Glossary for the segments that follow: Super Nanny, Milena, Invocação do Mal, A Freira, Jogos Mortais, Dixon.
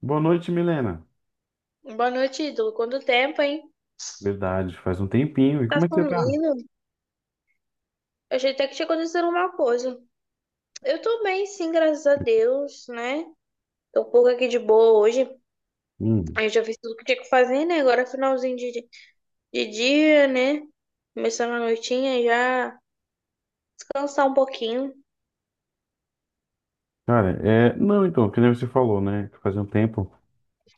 Boa noite, Milena. Boa noite, ídolo. Quanto tempo, hein? Verdade, faz um tempinho. E Tá como é que você tá? sumindo? Eu achei até que tinha acontecido alguma coisa. Eu tô bem, sim, graças a Deus, né? Tô um pouco aqui de boa hoje. Hum, Eu já fiz tudo que tinha que fazer, né? Agora é finalzinho de dia, né? Começando a noitinha já. Descansar um pouquinho. cara, é. Não, então, que nem você falou, né? que Faz um tempo.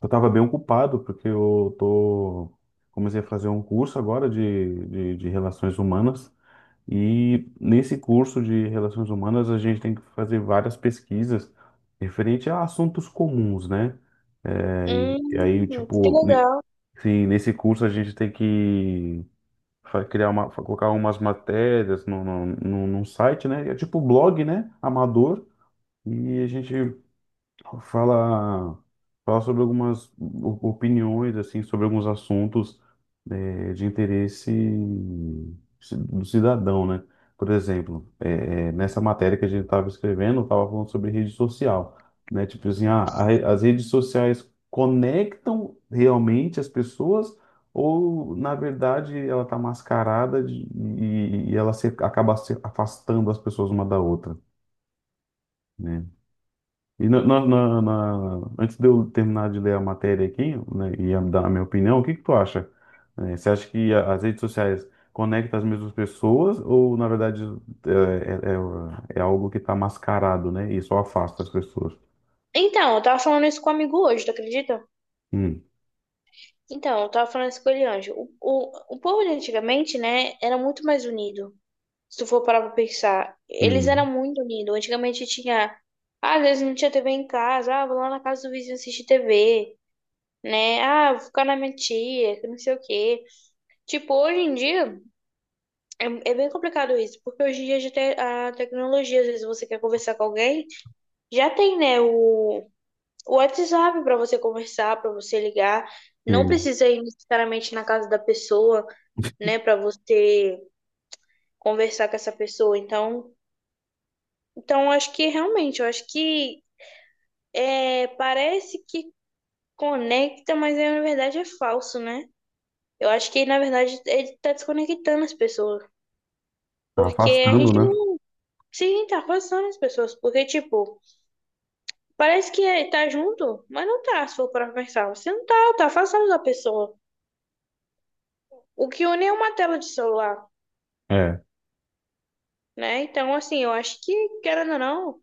Eu tava bem ocupado, porque eu tô. Comecei a fazer um curso agora de relações humanas. E nesse curso de relações humanas, a gente tem que fazer várias pesquisas referente a assuntos comuns, né? É, e, e aí, Que tipo, ne- legal. sim, nesse curso a gente tem que criar uma, colocar umas matérias no, no, no, num site, né? É tipo blog, né? Amador. E a gente Fala, fala sobre algumas opiniões, assim, sobre alguns assuntos de interesse do cidadão, né? Por exemplo, nessa matéria que a gente estava escrevendo, estava falando sobre rede social, né? Tipo assim, ah, as redes sociais conectam realmente as pessoas ou, na verdade, ela está mascarada e ela se, acaba se afastando as pessoas uma da outra, né? E antes de eu terminar de ler a matéria aqui, né, e dar a minha opinião, o que que tu acha? Você acha que as redes sociais conectam as mesmas pessoas ou, na verdade, é, é- é algo que está mascarado, né? E só afasta as pessoas? Então, eu tava falando isso com um amigo hoje, tu acredita? Hum, Então, eu tava falando isso com ele, Anjo. O povo de antigamente, né? Era muito mais unido. Se tu for parar pra pensar, eles eram hum, muito unidos. Antigamente tinha, ah, às vezes não tinha TV em casa, ah, vou lá na casa do vizinho assistir TV, né? Ah, vou ficar na minha tia, que não sei o quê. Tipo, hoje em dia é, é bem complicado isso, porque hoje em dia já tem a tecnologia, às vezes você quer conversar com alguém, já tem, né, o WhatsApp pra você conversar, pra você ligar. Não sim. precisa ir necessariamente na casa da pessoa, né, pra você conversar com essa pessoa. Então, eu acho que realmente, eu acho que é, parece que conecta, mas é, na verdade é falso, né? Eu acho que, na verdade, ele tá desconectando as pessoas. Tá Porque a afastando, gente né? não. Sim, tá afastando as pessoas. Porque, tipo, parece que tá junto, mas não tá, se for pra pensar. Você não tá, tá afastando da pessoa. O que une é uma tela de celular, É. né? Então, assim, eu acho que, querendo ou não.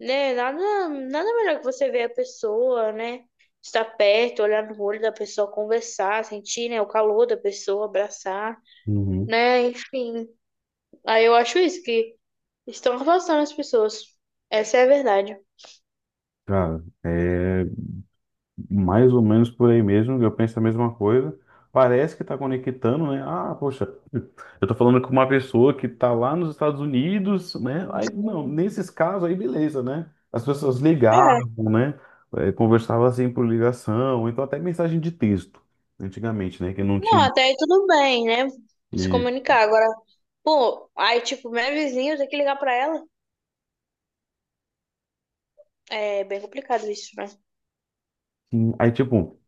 Né? Nada, nada melhor que você ver a pessoa, né? Estar perto, olhar no olho da pessoa, conversar, sentir, né, o calor da pessoa, abraçar, Uhum. né? Enfim. Aí eu acho isso, que estão afastando as pessoas. Essa é a verdade. Cara, é. Mais ou menos por aí mesmo, eu penso a mesma coisa. Parece que está conectando, né? Ah, poxa, eu tô falando com uma pessoa que tá lá nos Estados Unidos, né? Aí, não, nesses casos aí, beleza, né? As pessoas ligavam, É, né? Conversavam assim por ligação, então até mensagem de texto, antigamente, né? Que não não, tinha. até aí tudo bem, né? Se E, comunicar. Agora, pô, aí, tipo, minha vizinha, eu tenho que ligar pra ela. É bem complicado isso, né? sim, aí, tipo,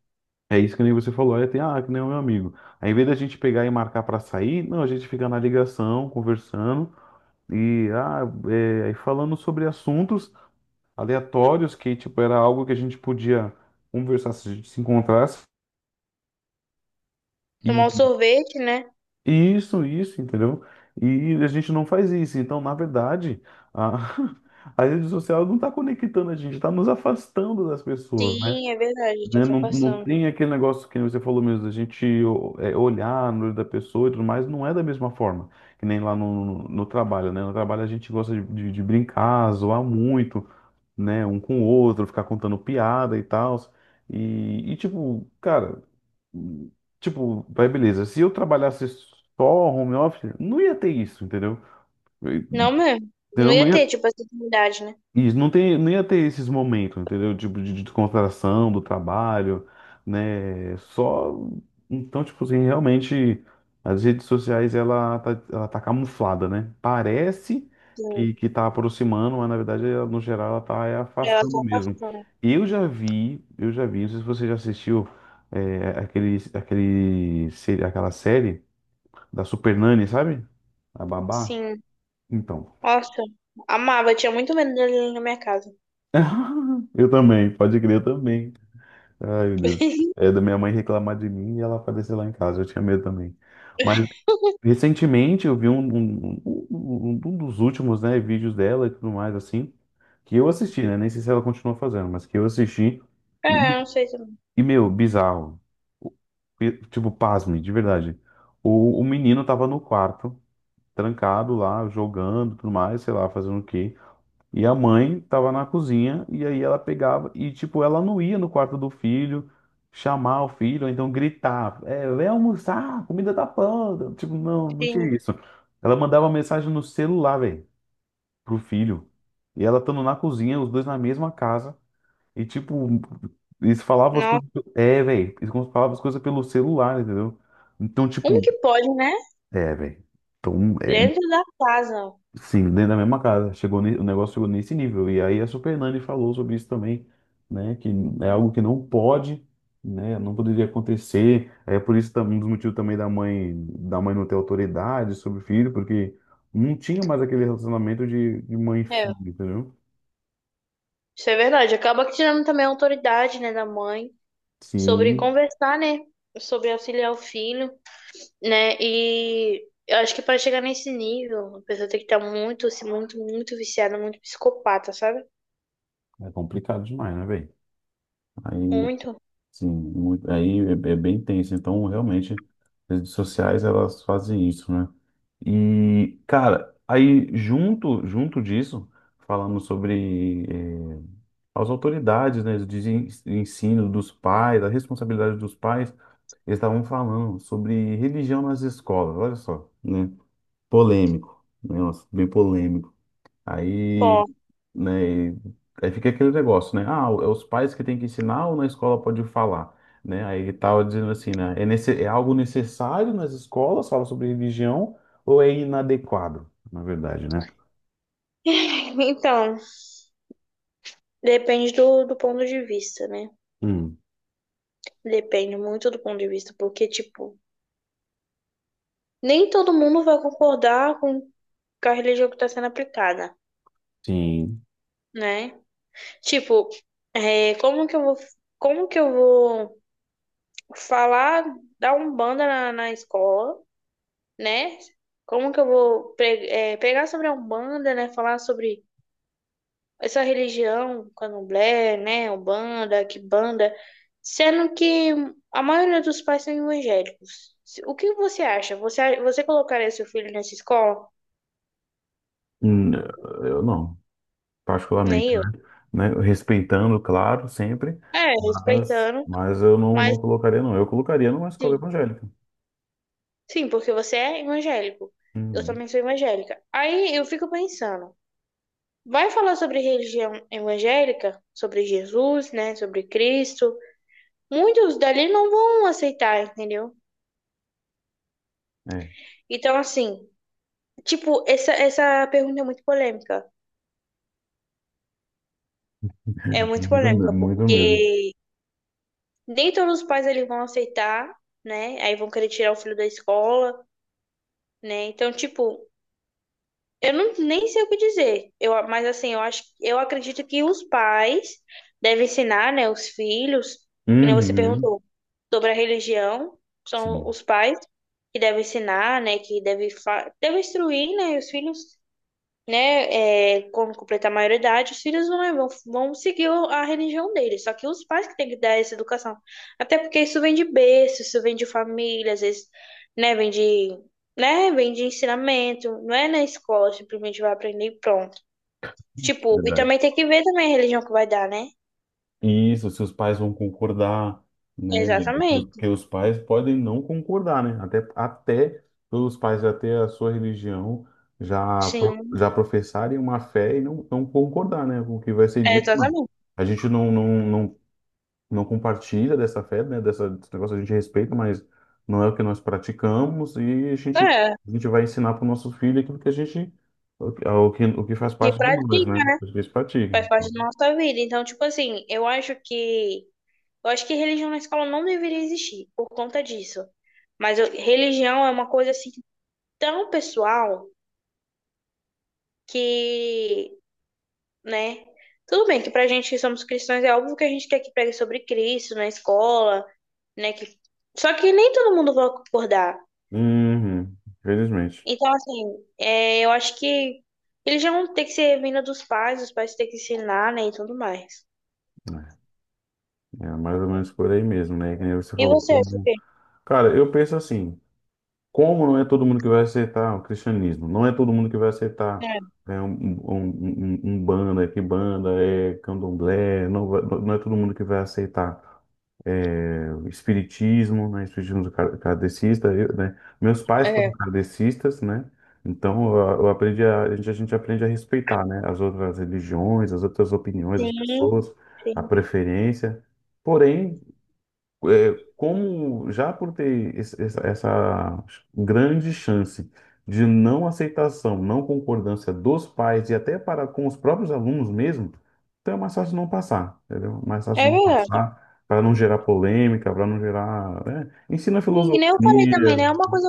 é isso que nem você falou, aí tem, ah, que nem o meu amigo. Aí, em vez da gente pegar e marcar para sair, não, a gente fica na ligação, conversando. E ah, é, aí falando sobre assuntos aleatórios, que tipo, era algo que a gente podia conversar se a gente se encontrasse. Tomar um E sorvete, né? isso, entendeu? E a gente não faz isso. Então, na verdade, a, a rede social não está conectando a gente, está nos afastando das pessoas, né? Sim, é verdade, tá Né? se Não, não afastando. tem aquele negócio que você falou mesmo, da gente é, olhar no olho da pessoa e tudo mais, não é da mesma forma. Que nem lá no trabalho, né? No trabalho a gente gosta de brincar, zoar muito. Né, um com o outro, ficar contando piada e tal. Tipo, cara, tipo, vai beleza. Se eu trabalhasse só home office, não ia ter isso, entendeu? Não Entendeu? mesmo. Não Não ia ia- ter, tipo, essa intimidade, né? isso, não tem, não ia ter esses momentos, entendeu? Tipo, de descontração do trabalho, né? Só. Então, tipo assim, realmente, as redes sociais, ela tá camuflada, né? Parece Sim. que tá aproximando, mas na verdade, ela, no geral, ela tá é, Ela tá afastando mesmo. passando. Eu já vi, não sei se você já assistiu é, aquele, aquele, se- aquela série da Super Nanny, sabe? A Babá. Sim. Então. Nossa, amava. Tinha muito medo dele na minha casa. Eu também, pode crer eu também. Ai, meu Deus. É da minha mãe reclamar de mim e ela aparecer lá em casa. Eu tinha medo também. Mas recentemente eu vi um dos últimos, né, vídeos dela e tudo mais, assim, que eu assisti, né? Nem sei se ela continua fazendo, mas que eu assisti. E, É, eu não sei se... e meu, bizarro. O- Tipo, pasme, de verdade. O menino tava no quarto, trancado lá, jogando, tudo mais, sei lá, fazendo o quê. E a mãe tava na cozinha e aí ela pegava e tipo ela não ia no quarto do filho chamar o filho, ou então gritar, é, vem almoçar, a comida tá pronta. Tipo, não, não tinha Sim. isso. Ela mandava mensagem no celular, velho, pro filho. E ela estando na cozinha, os dois na mesma casa e tipo eles falavam as Não. coisas, é, velho, eles falavam as coisas pelo celular, entendeu? Então, Como tipo, que pode, né? é, velho. Então, é, Dentro da casa. sim, dentro da mesma casa. Chegou, o negócio chegou nesse nível. E aí a Super Nani falou sobre isso também, né? Que é algo que não pode, né? Não poderia acontecer. É por isso também um dos motivos também da mãe não ter autoridade sobre o filho, porque não tinha mais aquele relacionamento de mãe e É, filho, entendeu? isso é verdade. Acaba que tirando também a autoridade, né, da mãe sobre Sim, conversar, né? Sobre auxiliar o filho, né? E eu acho que para chegar nesse nível, a pessoa tem que estar muito, assim, muito, muito viciada, muito psicopata, sabe? é complicado demais, né, velho? Aí Muito. sim, muito, aí é, é bem tenso. Então, realmente, as redes sociais elas fazem isso, né? E, cara, junto disso, falamos sobre eh, as autoridades, né, de ensino dos pais, a responsabilidade dos pais. Eles estavam falando sobre religião nas escolas. Olha só, né? Polêmico, né? Nossa, bem polêmico. Aí, Ó, né, aí fica aquele negócio, né? Ah, é os pais que têm que ensinar ou na escola pode falar, né? Aí ele tava dizendo assim, né? É, nesse, é algo necessário nas escolas falar sobre religião ou é inadequado, na verdade, né? então, depende do ponto de vista, né? Hum, Depende muito do ponto de vista, porque, tipo, nem todo mundo vai concordar com a religião que está sendo aplicada, sim. né? Tipo, é, como que eu vou falar da Umbanda na escola, né? Como que eu vou é, pregar sobre a Umbanda, né? Falar sobre essa religião, candomblé, né, umbanda, quimbanda, sendo que a maioria dos pais são evangélicos. O que você acha? Você colocaria seu filho nessa escola? Hum, eu não, Nem particularmente, eu. né? Né, respeitando, claro, sempre, É, respeitando, mas eu não, não mas colocaria, não. Eu colocaria numa escola sim, evangélica. sim, porque você é evangélico. Eu Hum, também sou evangélica. Aí eu fico pensando, vai falar sobre religião evangélica, sobre Jesus, né, sobre Cristo. Muitos dali não vão aceitar, entendeu? é, Então, assim, tipo, essa pergunta é muito polêmica. É muito muito, polêmica, muito mesmo. porque nem todos os pais eles vão aceitar, né? Aí vão querer tirar o filho da escola, né? Então, tipo, eu não, nem sei o que dizer. Eu, mas assim, eu acho, eu acredito que os pais devem ensinar, né, os filhos, que nem você Uhum, perguntou, sobre a religião, são sim. os pais que devem ensinar, né, que devem, devem instruir, né, os filhos, né, é, quando completar a maioridade, os filhos vão, né, vão seguir a religião deles. Só que os pais que têm que dar essa educação. Até porque isso vem de berço, isso vem de família, às vezes, né, vem de, né, vem de ensinamento. Não é na escola, simplesmente vai aprender e pronto. Tipo, e Verdade. também tem que ver também a religião que vai dar, né? E isso, seus pais vão concordar, né? Exatamente. Porque os pais podem não concordar, né? Até, até os pais já ter a sua religião, já, Sim, já professarem uma fé e não, não concordar, né? Com o que vai ser é dito, não. exatamente. A gente não compartilha dessa fé, né? Dessa, desse negócio a gente respeita, mas não é o que nós praticamos e É, a gente vai ensinar para o nosso filho aquilo que a gente, o, o que faz que parte de nós, né? pratica, O que eles praticam. faz parte da nossa vida. Então, tipo assim, eu acho que religião na escola não deveria existir por conta disso. Mas eu- religião é uma coisa assim tão pessoal que, né? Tudo bem que pra gente que somos cristãos é óbvio que a gente quer que pregue sobre Cristo na escola, né? Que... Só que nem todo mundo vai concordar. Uhum, infelizmente. Então, assim, é, eu acho que religião tem que ser vinda dos pais, os pais têm que ensinar, né? E tudo mais. É, é mais ou menos por aí mesmo, né? Que nem você E falou. você, acha o Como... quê? Cara, eu penso assim, como não é todo mundo que vai aceitar o cristianismo? Não é todo mundo que vai aceitar né, um banda, que banda é candomblé, não, não é todo mundo que vai aceitar é, o espiritismo, né, espiritismo kardecista, eu, né, meus pais É, foram é. kardecistas, né, então eu aprendi a gente aprende a respeitar, né, as outras religiões, as outras opiniões as Sim, pessoas, a sim. preferência, é, como já por ter essa, essa grande chance de não aceitação, não concordância dos pais e até para com os próprios alunos mesmo, então é mais fácil não passar, entendeu? É mais fácil É não verdade. passar para não gerar polêmica, para não gerar, né? Ensina E que nem eu falei também, né? É filosofia, uma coisa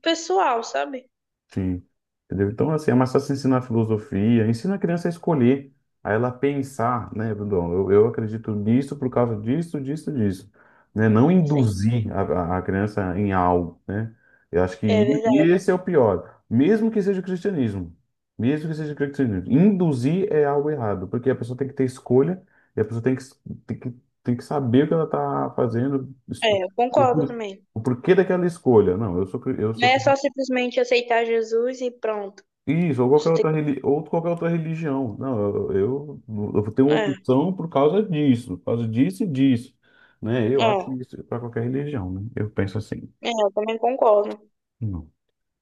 pessoal, sabe? sim. Entendeu? Então, assim, é mais fácil ensinar filosofia, ensina a criança a escolher, a ela pensar, né, Bruno? Eu acredito nisso por causa disso. Né? Não Sim, induzir a criança em algo, né? Eu acho que é verdade. esse é o pior. Mesmo que seja o cristianismo. Mesmo que seja o cristianismo. Induzir é algo errado, porque a pessoa tem que ter escolha e a pessoa tem tem que, tem que saber o que ela está fazendo, É, eu o, concordo o também. o porquê daquela escolha. Não, eu sou Não é só simplesmente aceitar Jesus e pronto. isso, ou qualquer Você tem... outra, ou qualquer outra religião. Não, eu, eu, eu tenho Que... opção por causa disso e disso, né? Eu acho é, isso para qualquer religião, né? Eu penso assim. é, eu também concordo. Não.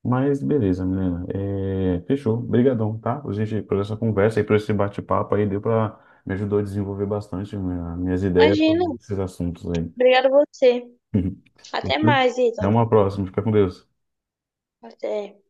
Mas beleza, Milena. É, fechou. Obrigadão, tá? Por, gente, por essa conversa e por esse bate-papo aí, deu para me ajudou a desenvolver bastante minhas ideias Imagina. sobre esses assuntos aí. Obrigada a você. Até Fechou? mais, Até Ítalo. uma próxima. Fica com Deus. Até.